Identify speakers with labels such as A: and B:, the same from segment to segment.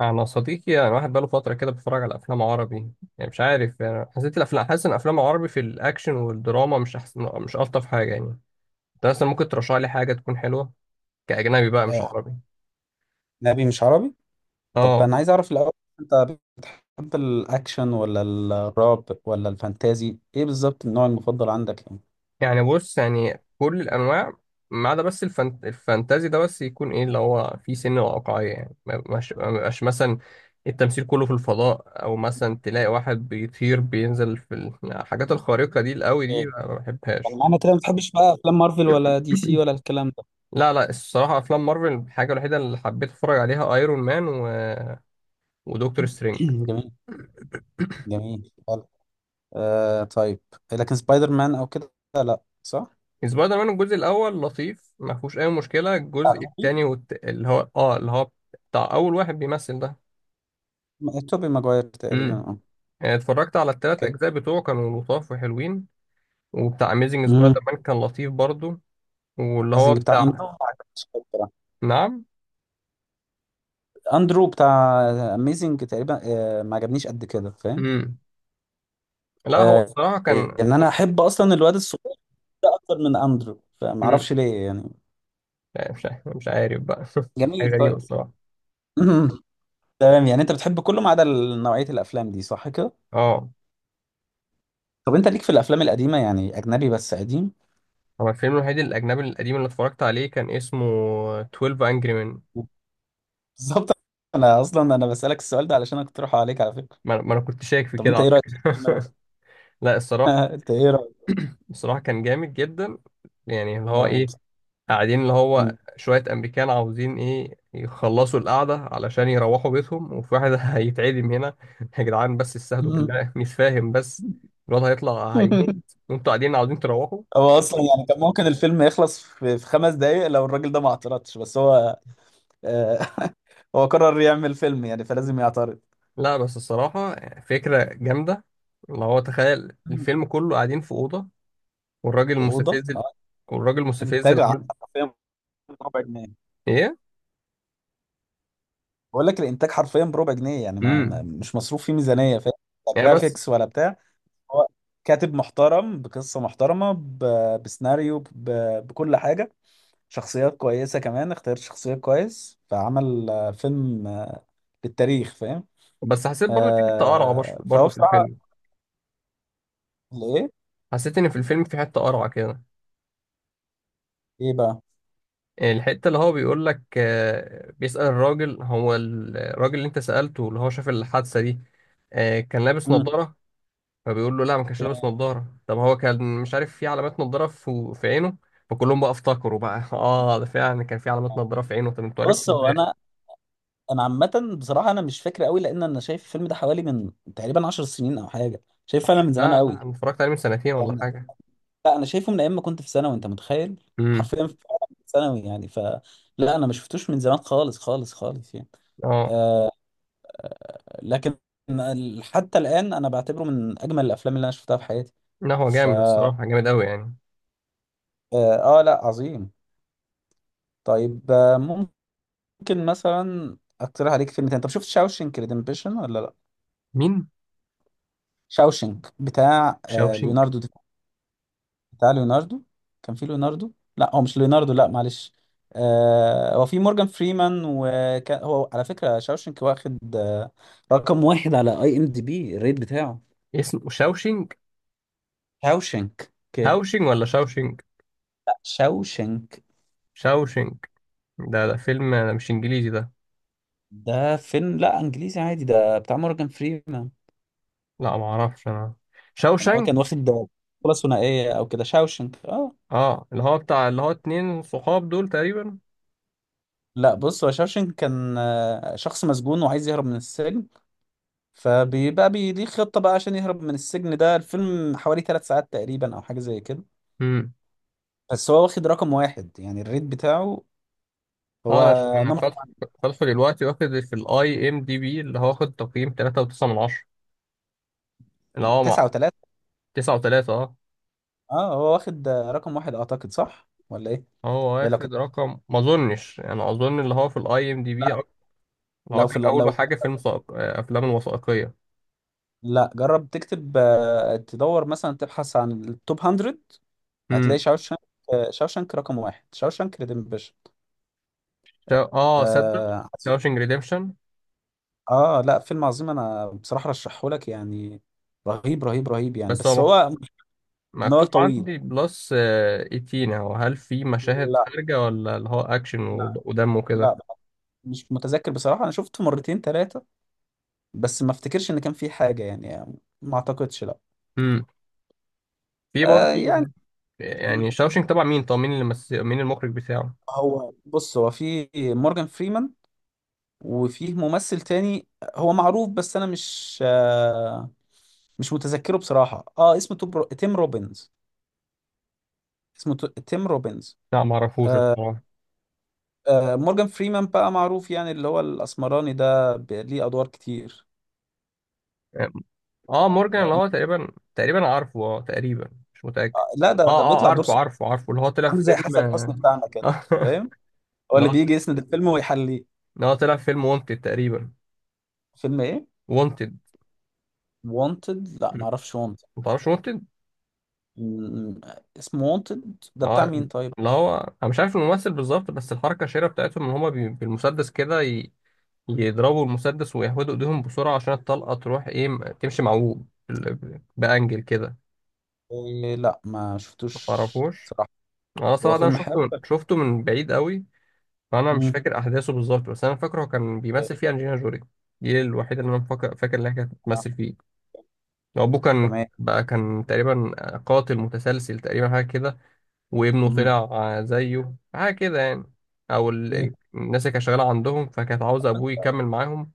A: انا صديقي يعني واحد بقاله فتره كده بيتفرج على افلام عربي. يعني مش عارف، يعني حسيت الافلام، حاسس ان افلام عربي في الاكشن والدراما مش احسن، مش الطف حاجه يعني. انت مثلا ممكن ترشح لي حاجه تكون حلوه، كاجنبي بقى مش
B: آه،
A: عربي.
B: أجنبي مش عربي. طب
A: اه.
B: أنا عايز أعرف الأول، أنت بتحب الأكشن ولا الرعب ولا الفانتازي؟ إيه بالظبط النوع المفضل عندك يعني؟
A: يعني بص، يعني كل الانواع ما عدا بس الفانتازي، ده بس يكون ايه اللي هو فيه سن واقعيه يعني. ما يبقاش مثلا التمثيل كله في الفضاء، او مثلا تلاقي واحد بيطير بينزل في الحاجات الخارقه دي القوي
B: إيه،
A: دي، ما
B: يعني
A: بحبهاش.
B: معنى كده ما بتحبش بقى افلام مارفل ولا دي سي ولا الكلام ده؟
A: لا لا، الصراحة أفلام مارفل الحاجة الوحيدة اللي حبيت أتفرج عليها أيرون مان ودكتور سترينج.
B: جميل، جميل، حلو. آه طيب، لكن سبايدر مان أو كده، لا صح؟
A: سبايدر مان الجزء الأول لطيف، ما فيهوش أي مشكلة.
B: بتاع
A: الجزء
B: توبي.
A: التاني والت... اللي هو آه اللي هو بتاع أول واحد بيمثل ده.
B: توبي ماجواير تقريبا،
A: امم
B: أه.
A: اتفرجت على التلات
B: أوكي.
A: أجزاء بتوعه، كانوا لطاف وحلوين. وبتاع أميزنج سبايدر
B: امم.
A: مان كان لطيف برضو، واللي هو
B: اميزنج بتاع
A: بتاع.
B: أندرو ما عجبنيش قوي بصراحة.
A: نعم.
B: أندرو بتاع اميزنج تقريبا، ما عجبنيش قد كده فاهم؟
A: امم لا، هو
B: آه،
A: الصراحة كان.
B: انا احب اصلا الواد الصغير اكتر من اندرو،
A: امم
B: فمعرفش ليه يعني.
A: لا، مش عارف بقى. حاجة
B: جميل
A: غريبة
B: طيب.
A: الصراحة.
B: تمام، يعني انت بتحب كله ما عدا نوعية الافلام دي صح كده؟
A: اه،
B: طب انت ليك في الافلام القديمة؟ يعني اجنبي بس قديم.
A: هو الفيلم الوحيد الأجنبي القديم اللي اتفرجت عليه كان اسمه 12 Angry Men.
B: بالظبط. انا اصلا بسألك السؤال ده علشان اقترحه عليك على فكرة.
A: ما أنا كنت شايك في
B: طب
A: كده
B: انت
A: على
B: ايه رأيك في
A: فكرة.
B: الفيلم ده؟
A: لا الصراحة،
B: انت ايه رأيك؟
A: كان جامد جدا. يعني اللي
B: فيلم
A: هو
B: رهيب
A: إيه،
B: صح؟
A: قاعدين اللي هو
B: مم.
A: شوية أمريكان عاوزين إيه يخلصوا القعدة علشان يروحوا بيتهم، وفي واحد هيتعدم هنا. يا جدعان بس استهدوا
B: مم.
A: بالله، مش فاهم بس. الواد هيطلع هيموت، وأنتوا قاعدين عاوزين تروحوا.
B: هو اصلا يعني كان ممكن الفيلم يخلص في خمس دقايق لو الراجل ده ما اعترضش، بس هو، آه، هو قرر يعمل فيلم يعني فلازم يعترض.
A: لا بس الصراحة، فكرة جامدة، اللي هو تخيل
B: مم.
A: الفيلم كله قاعدين في أوضة. والراجل
B: في أوضة.
A: المستفز والراجل المستفز
B: انتاج
A: اللي عمل
B: حرفيا بربع جنيه.
A: ايه.
B: بقول لك الانتاج حرفيا بربع جنيه، يعني
A: امم
B: مش مصروف فيه ميزانيه فاهم. لا
A: يعني بس
B: جرافيكس ولا بتاع. هو كاتب محترم بقصه محترمه، بسيناريو، بكل حاجه. شخصيات كويسه، كمان اختار شخصيات كويس، فعمل فيلم للتاريخ فاهم.
A: بس. حسيت برضه في حته قرعه برش-
B: فهو
A: برضه في
B: بصراحه.
A: الفيلم
B: ايه.
A: حسيت ان في الفيلم في حته قرعه كده.
B: ايه بقى.
A: يعني الحته اللي هو بيقول لك بيسأل الراجل، هو الراجل اللي انت سألته اللي هو شاف الحادثه دي كان لابس
B: مم.
A: نظاره. فبيقول له لا ما كانش لابس نظاره. طب هو كان مش عارف في علامات نظاره في عينه. فكلهم بقى افتكروا بقى اه، ده فعلا كان في علامات نظاره في عينه. طب انتوا
B: بص،
A: عرفتوا
B: هو
A: ازاي؟
B: انا عامه بصراحه انا مش فاكر قوي، لان انا شايف الفيلم ده حوالي من تقريبا 10 سنين او حاجه، شايف فعلا من زمان
A: لا
B: قوي
A: لا، انا اتفرجت عليه من سنتين ولا
B: يعني.
A: حاجه.
B: لا انا شايفه من ايام ما كنت في ثانوي، انت متخيل؟
A: امم
B: حرفيا في ثانوي يعني، ف، لا انا ما شفتوش من زمان خالص خالص خالص يعني.
A: اه،
B: آه، لكن حتى الان انا بعتبره من اجمل الافلام اللي انا شفتها في حياتي.
A: لا هو
B: ف
A: جامد الصراحة، جامد أوي يعني.
B: لا عظيم. طيب، ممكن مثلا اقترح عليك فيلم تاني، طب شفت شاوشنك ريدمبشن ولا لا؟
A: مين؟
B: شاوشنك بتاع
A: شاوشينج.
B: ليوناردو. بتاع ليوناردو، كان في ليوناردو. لا، هو مش ليوناردو، لا معلش. آه، هو في مورجان فريمان، وكان هو على فكرة شاوشنك واخد رقم واحد على اي ام دي بي الريت بتاعه.
A: اسمه شاوشينج.
B: شاوشنك، اوكي.
A: هاوشينج ولا شاوشينج؟
B: لا شاوشنك.
A: شاوشينج؟ ده فيلم مش إنجليزي ده.
B: ده فيلم، لا انجليزي عادي، ده بتاع مورجان فريمان.
A: لا ما أعرفش أنا.
B: يعني هو
A: شاوشانك.
B: كان واخد بطولة ثنائية او كده شاوشنك، اه.
A: اه، اللي هو بتاع اللي هو اتنين صحاب دول تقريبا.
B: لا بص، هو شاوشنك كان شخص مسجون وعايز يهرب من السجن. فبيبقى ليه خطة بقى عشان يهرب من السجن. ده الفيلم حوالي ثلاث ساعات تقريبا أو حاجة زي كده.
A: امم
B: بس هو واخد رقم واحد يعني الريت بتاعه.
A: اه،
B: هو
A: أنا
B: نمبر
A: فاتح، فاتحه دلوقتي. واخد في الأي إم دي بي، اللي هو واخد تقييم تلاتة وتسعة من عشرة، اللي هو مع
B: تسعة وتلاتة.
A: تسعة وتلاتة اه.
B: اه هو واخد رقم واحد أعتقد صح ولا إيه؟
A: هو
B: يعني لو كنت،
A: واخد رقم، ما أظنش يعني، أظن اللي هو في الأي إم دي بي
B: لا،
A: اللي هو
B: لو في
A: كان أول حاجة فيلم أفلام الوثائقية.
B: لا، جرب تكتب، تدور مثلا تبحث عن التوب 100، هتلاقي شاوشانك. شاوشانك رقم واحد، شاوشانك ريدمبشن.
A: اه صدق،
B: آه عظيم.
A: شاوشنج ريديمشن.
B: اه لا فيلم عظيم، انا بصراحة رشحهولك يعني، رهيب رهيب رهيب يعني،
A: بس هو
B: بس هو نهار
A: مكتوب
B: طويل.
A: عندي بلس 18 اهو. هل في مشاهد
B: لا.
A: خارجة، ولا اللي هو اكشن
B: لا.
A: ودم وكده؟
B: لا. مش متذكر بصراحة، أنا شفته مرتين ثلاثة، بس ما افتكرش إن كان في حاجة يعني. ما أعتقدش لا.
A: امم في
B: آه يعني،
A: برضه. يعني شاوشنج تبع مين؟ طب مين مين المخرج بتاعه؟
B: هو بص، هو في مورجان فريمان، وفيه ممثل تاني هو معروف بس أنا مش متذكره بصراحة. اه اسمه توب تيم روبنز، اسمه تيم روبنز.
A: لا ما اعرفوش
B: آه.
A: الصراحة.
B: آه مورجان فريمان بقى معروف يعني، اللي هو الأسمراني ده، ليه أدوار كتير.
A: اه، مورجان
B: لا
A: اللي هو تقريبا، عارفه، اه تقريبا مش متأكد.
B: آه، لا، ده
A: اه،
B: ده
A: اه
B: بيطلع دور
A: عارفه، عارفه اللي هو طلع
B: عامل
A: في
B: زي
A: فيلم.
B: حسن حسني بتاعنا كده فاهم، هو
A: اللي
B: اللي
A: هو
B: بيجي يسند الفيلم ويحليه.
A: اللي هو طلع في فيلم وونتد تقريبا.
B: فيلم ايه؟
A: وونتد.
B: وانتد، لا ما اعرفش وانتد.
A: ما تعرفش وونتد؟
B: اسمه وانتد ده بتاع
A: اه،
B: مين طيب؟
A: اللي هو، انا مش عارف الممثل بالظبط، بس الحركه الشهيره بتاعتهم ان هما بالمسدس كده يضربوا المسدس ويهودوا ايديهم بسرعه عشان الطلقه تروح ايه، تمشي معوج بانجل كده.
B: إيه لا ما
A: ما
B: شفتوش
A: تعرفوش؟
B: صراحة.
A: انا
B: هو
A: صراحه ده انا
B: فيلم حلو.
A: شفته من بعيد قوي. فانا مش
B: مم.
A: فاكر احداثه بالظبط. بس انا فاكره هو كان
B: إيه،
A: بيمثل فيه انجلينا جولي. دي الوحيده اللي انا فاكر انها كانت
B: آه،
A: بتمثل فيه. ابوه كان
B: تمام.
A: بقى، كان تقريبا قاتل متسلسل تقريبا، حاجه كده. وابنه
B: مم.
A: طلع زيه حاجة كده يعني.
B: إيه.
A: الناس اللي كانت شغالة عندهم، فكانت عاوزة أبوه يكمل معاهم،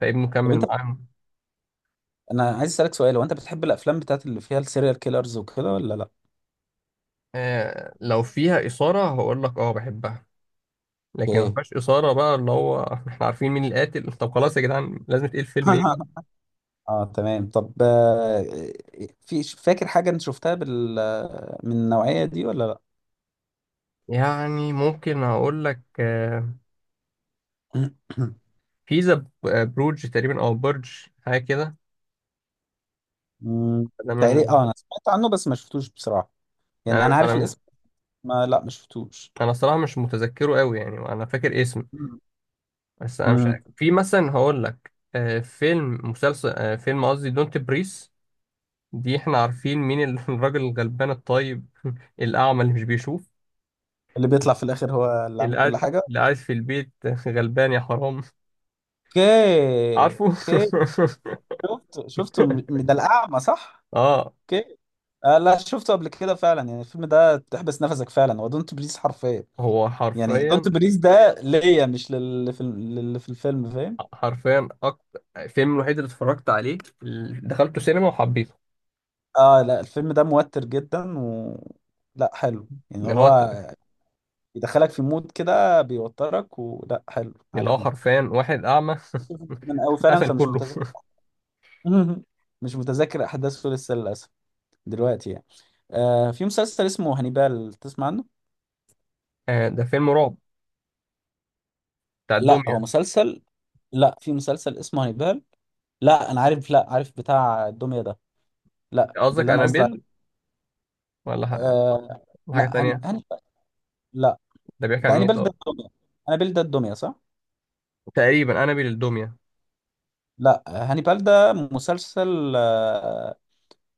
A: فابنه
B: طب
A: كمل
B: انت،
A: معاهم.
B: انا عايز اسالك سؤال، هو انت بتحب الافلام بتاعت اللي فيها السيريال كيلرز وكده ولا لا؟
A: آه لو فيها إثارة هقول لك أه بحبها. لكن ما
B: ايه.
A: فيهاش إثارة بقى، اللي هو إحنا عارفين مين القاتل. طب خلاص يا جدعان، لازم تقيل فيلم إيه بقى.
B: اه تمام، طب آه، إيه، في فاكر حاجة انت شفتها بال من النوعية دي ولا؟
A: يعني ممكن أقول لك آه،
B: لا.
A: في ذا بروج تقريبا، أو برج حاجة كده.
B: مم،
A: أنا
B: تقريبا
A: من...
B: اه، انا سمعت عنه بس ما شفتوش بصراحة، يعني
A: أنا
B: انا
A: أنا
B: عارف الاسم. ما لا ما شفتوش.
A: أنا الصراحة مش متذكره قوي يعني، أنا فاكر اسمه.
B: مم.
A: بس انا مش
B: مم.
A: عارف، في مثلا هقول لك فيلم مسلسل، فيلم قصدي دونت بريس، دي احنا عارفين مين الراجل الغلبان الطيب الاعمى اللي مش بيشوف،
B: اللي بيطلع في الاخر هو اللي عامل كل حاجة.
A: اللي قاعد في البيت. غلبان يا حرام.
B: اوكي،
A: عارفه.
B: اوكي. شفته، شفته، ده الاعمى صح؟
A: اه،
B: اوكي. آه لا شفته قبل كده فعلا يعني، الفيلم ده تحبس نفسك فعلا، هو دونت بريز حرفيا.
A: هو
B: يعني دونت
A: حرفيا،
B: بريز ده ليا، مش للي في للي في الفيلم فاهم.
A: اكتر الفيلم الوحيد اللي اتفرجت عليه، اللي دخلته سينما وحبيته.
B: اه لا الفيلم ده موتر جدا، و لا حلو يعني،
A: ان اللي هو،
B: هو يدخلك في مود كده بيوترك، ولا حلو
A: اللي هو
B: عجبني
A: حرفيا واحد اعمى
B: من أوي فعلا
A: قتل
B: فمش
A: كله.
B: متذكر. مش متذكر أحداثه لسه للأسف دلوقتي يعني. آه، في مسلسل اسمه هانيبال، تسمع عنه؟
A: ده فيلم رعب بتاع
B: لا هو
A: الدمية.
B: مسلسل. لا في مسلسل اسمه هانيبال. لا أنا عارف، لا عارف بتاع الدمية ده، لا
A: قصدك
B: اللي أنا قصدي
A: انابيل
B: عليه.
A: ولا ح-
B: آه.
A: ولا حاجة
B: لا
A: تانية؟
B: هانيبال. لا.
A: ده بيحكي
B: ده
A: عن ايه
B: هانيبال ده
A: طب؟
B: الدمية، هانيبال ده الدمية صح؟
A: تقريبا انابيل الدمية.
B: لا. هانيبال ده مسلسل،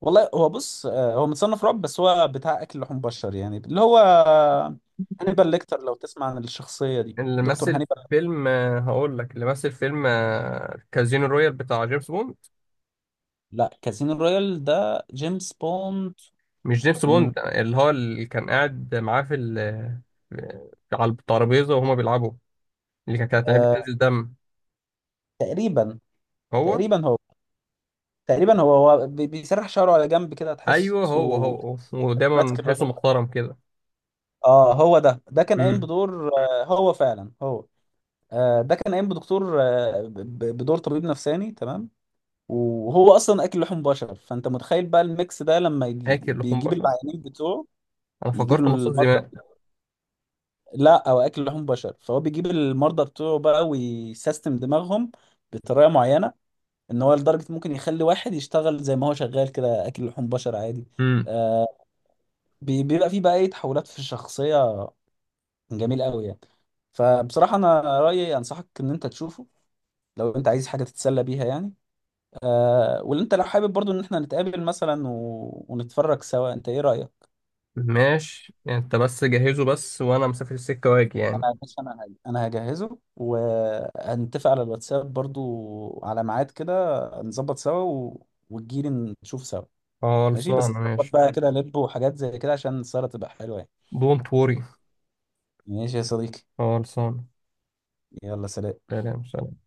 B: والله هو بص، هو متصنف رعب، بس هو بتاع اكل لحوم بشر يعني، اللي هو هانيبال ليكتر، لو تسمع عن الشخصيه دي،
A: اللي
B: دكتور
A: مثل
B: هانيبال.
A: في فيلم هقول لك اللي مثل فيلم كازينو رويال بتاع جيمس بوند.
B: لا كازينو رويال ده جيمس بوند.
A: مش جيمس
B: م،
A: بوند، اللي هو اللي كان قاعد معاه في على الترابيزة وهما بيلعبوا، اللي كانت عينيه
B: آه،
A: بتنزل دم.
B: تقريبا
A: هو،
B: تقريبا هو بيسرح شعره على جنب كده
A: ايوه هو هو
B: تحسه
A: هو. ودايما
B: ماسك الراجل.
A: تحسه محترم كده.
B: اه هو ده كان قايم
A: امم
B: بدور، آه، هو فعلا هو ده كان قايم بدكتور، بدور طبيب نفساني تمام. وهو اصلا اكل لحوم بشر، فانت متخيل بقى الميكس ده لما يجي
A: اكل لحوم
B: بيجيب
A: بشر،
B: العيانين بتوعه،
A: انا
B: يجيب
A: فكرت مصاص
B: المرضى.
A: دماء.
B: لا او اكل لحوم بشر، فهو بيجيب المرضى بتوعه بقى ويسيستم دماغهم بطريقه معينه، ان هو لدرجه ممكن يخلي واحد يشتغل زي ما هو شغال كده اكل لحوم بشر عادي.
A: امم
B: آه، بيبقى فيه بقى ايه تحولات في الشخصيه، جميل قوي يعني. فبصراحه انا رايي انصحك ان انت تشوفه لو انت عايز حاجه تتسلى بيها يعني. آه، واللي انت لو حابب برضو ان احنا نتقابل مثلا ونتفرج سوا، انت ايه رأيك؟
A: ماشي، انت بس جهزه بس وانا مسافر السكة واجي يعني.
B: انا بس، انا هجهزه، وهنتفق على الواتساب برضو على ميعاد كده، نظبط سوا وتجيلي نشوف سوا. ماشي، بس
A: خلصانة
B: نظبط
A: ماشي.
B: بقى كده لب وحاجات زي كده عشان السهرة تبقى حلوة يعني.
A: دونت وري.
B: ماشي يا صديقي.
A: خلصانة.
B: يلا سلام.
A: سلام سلام.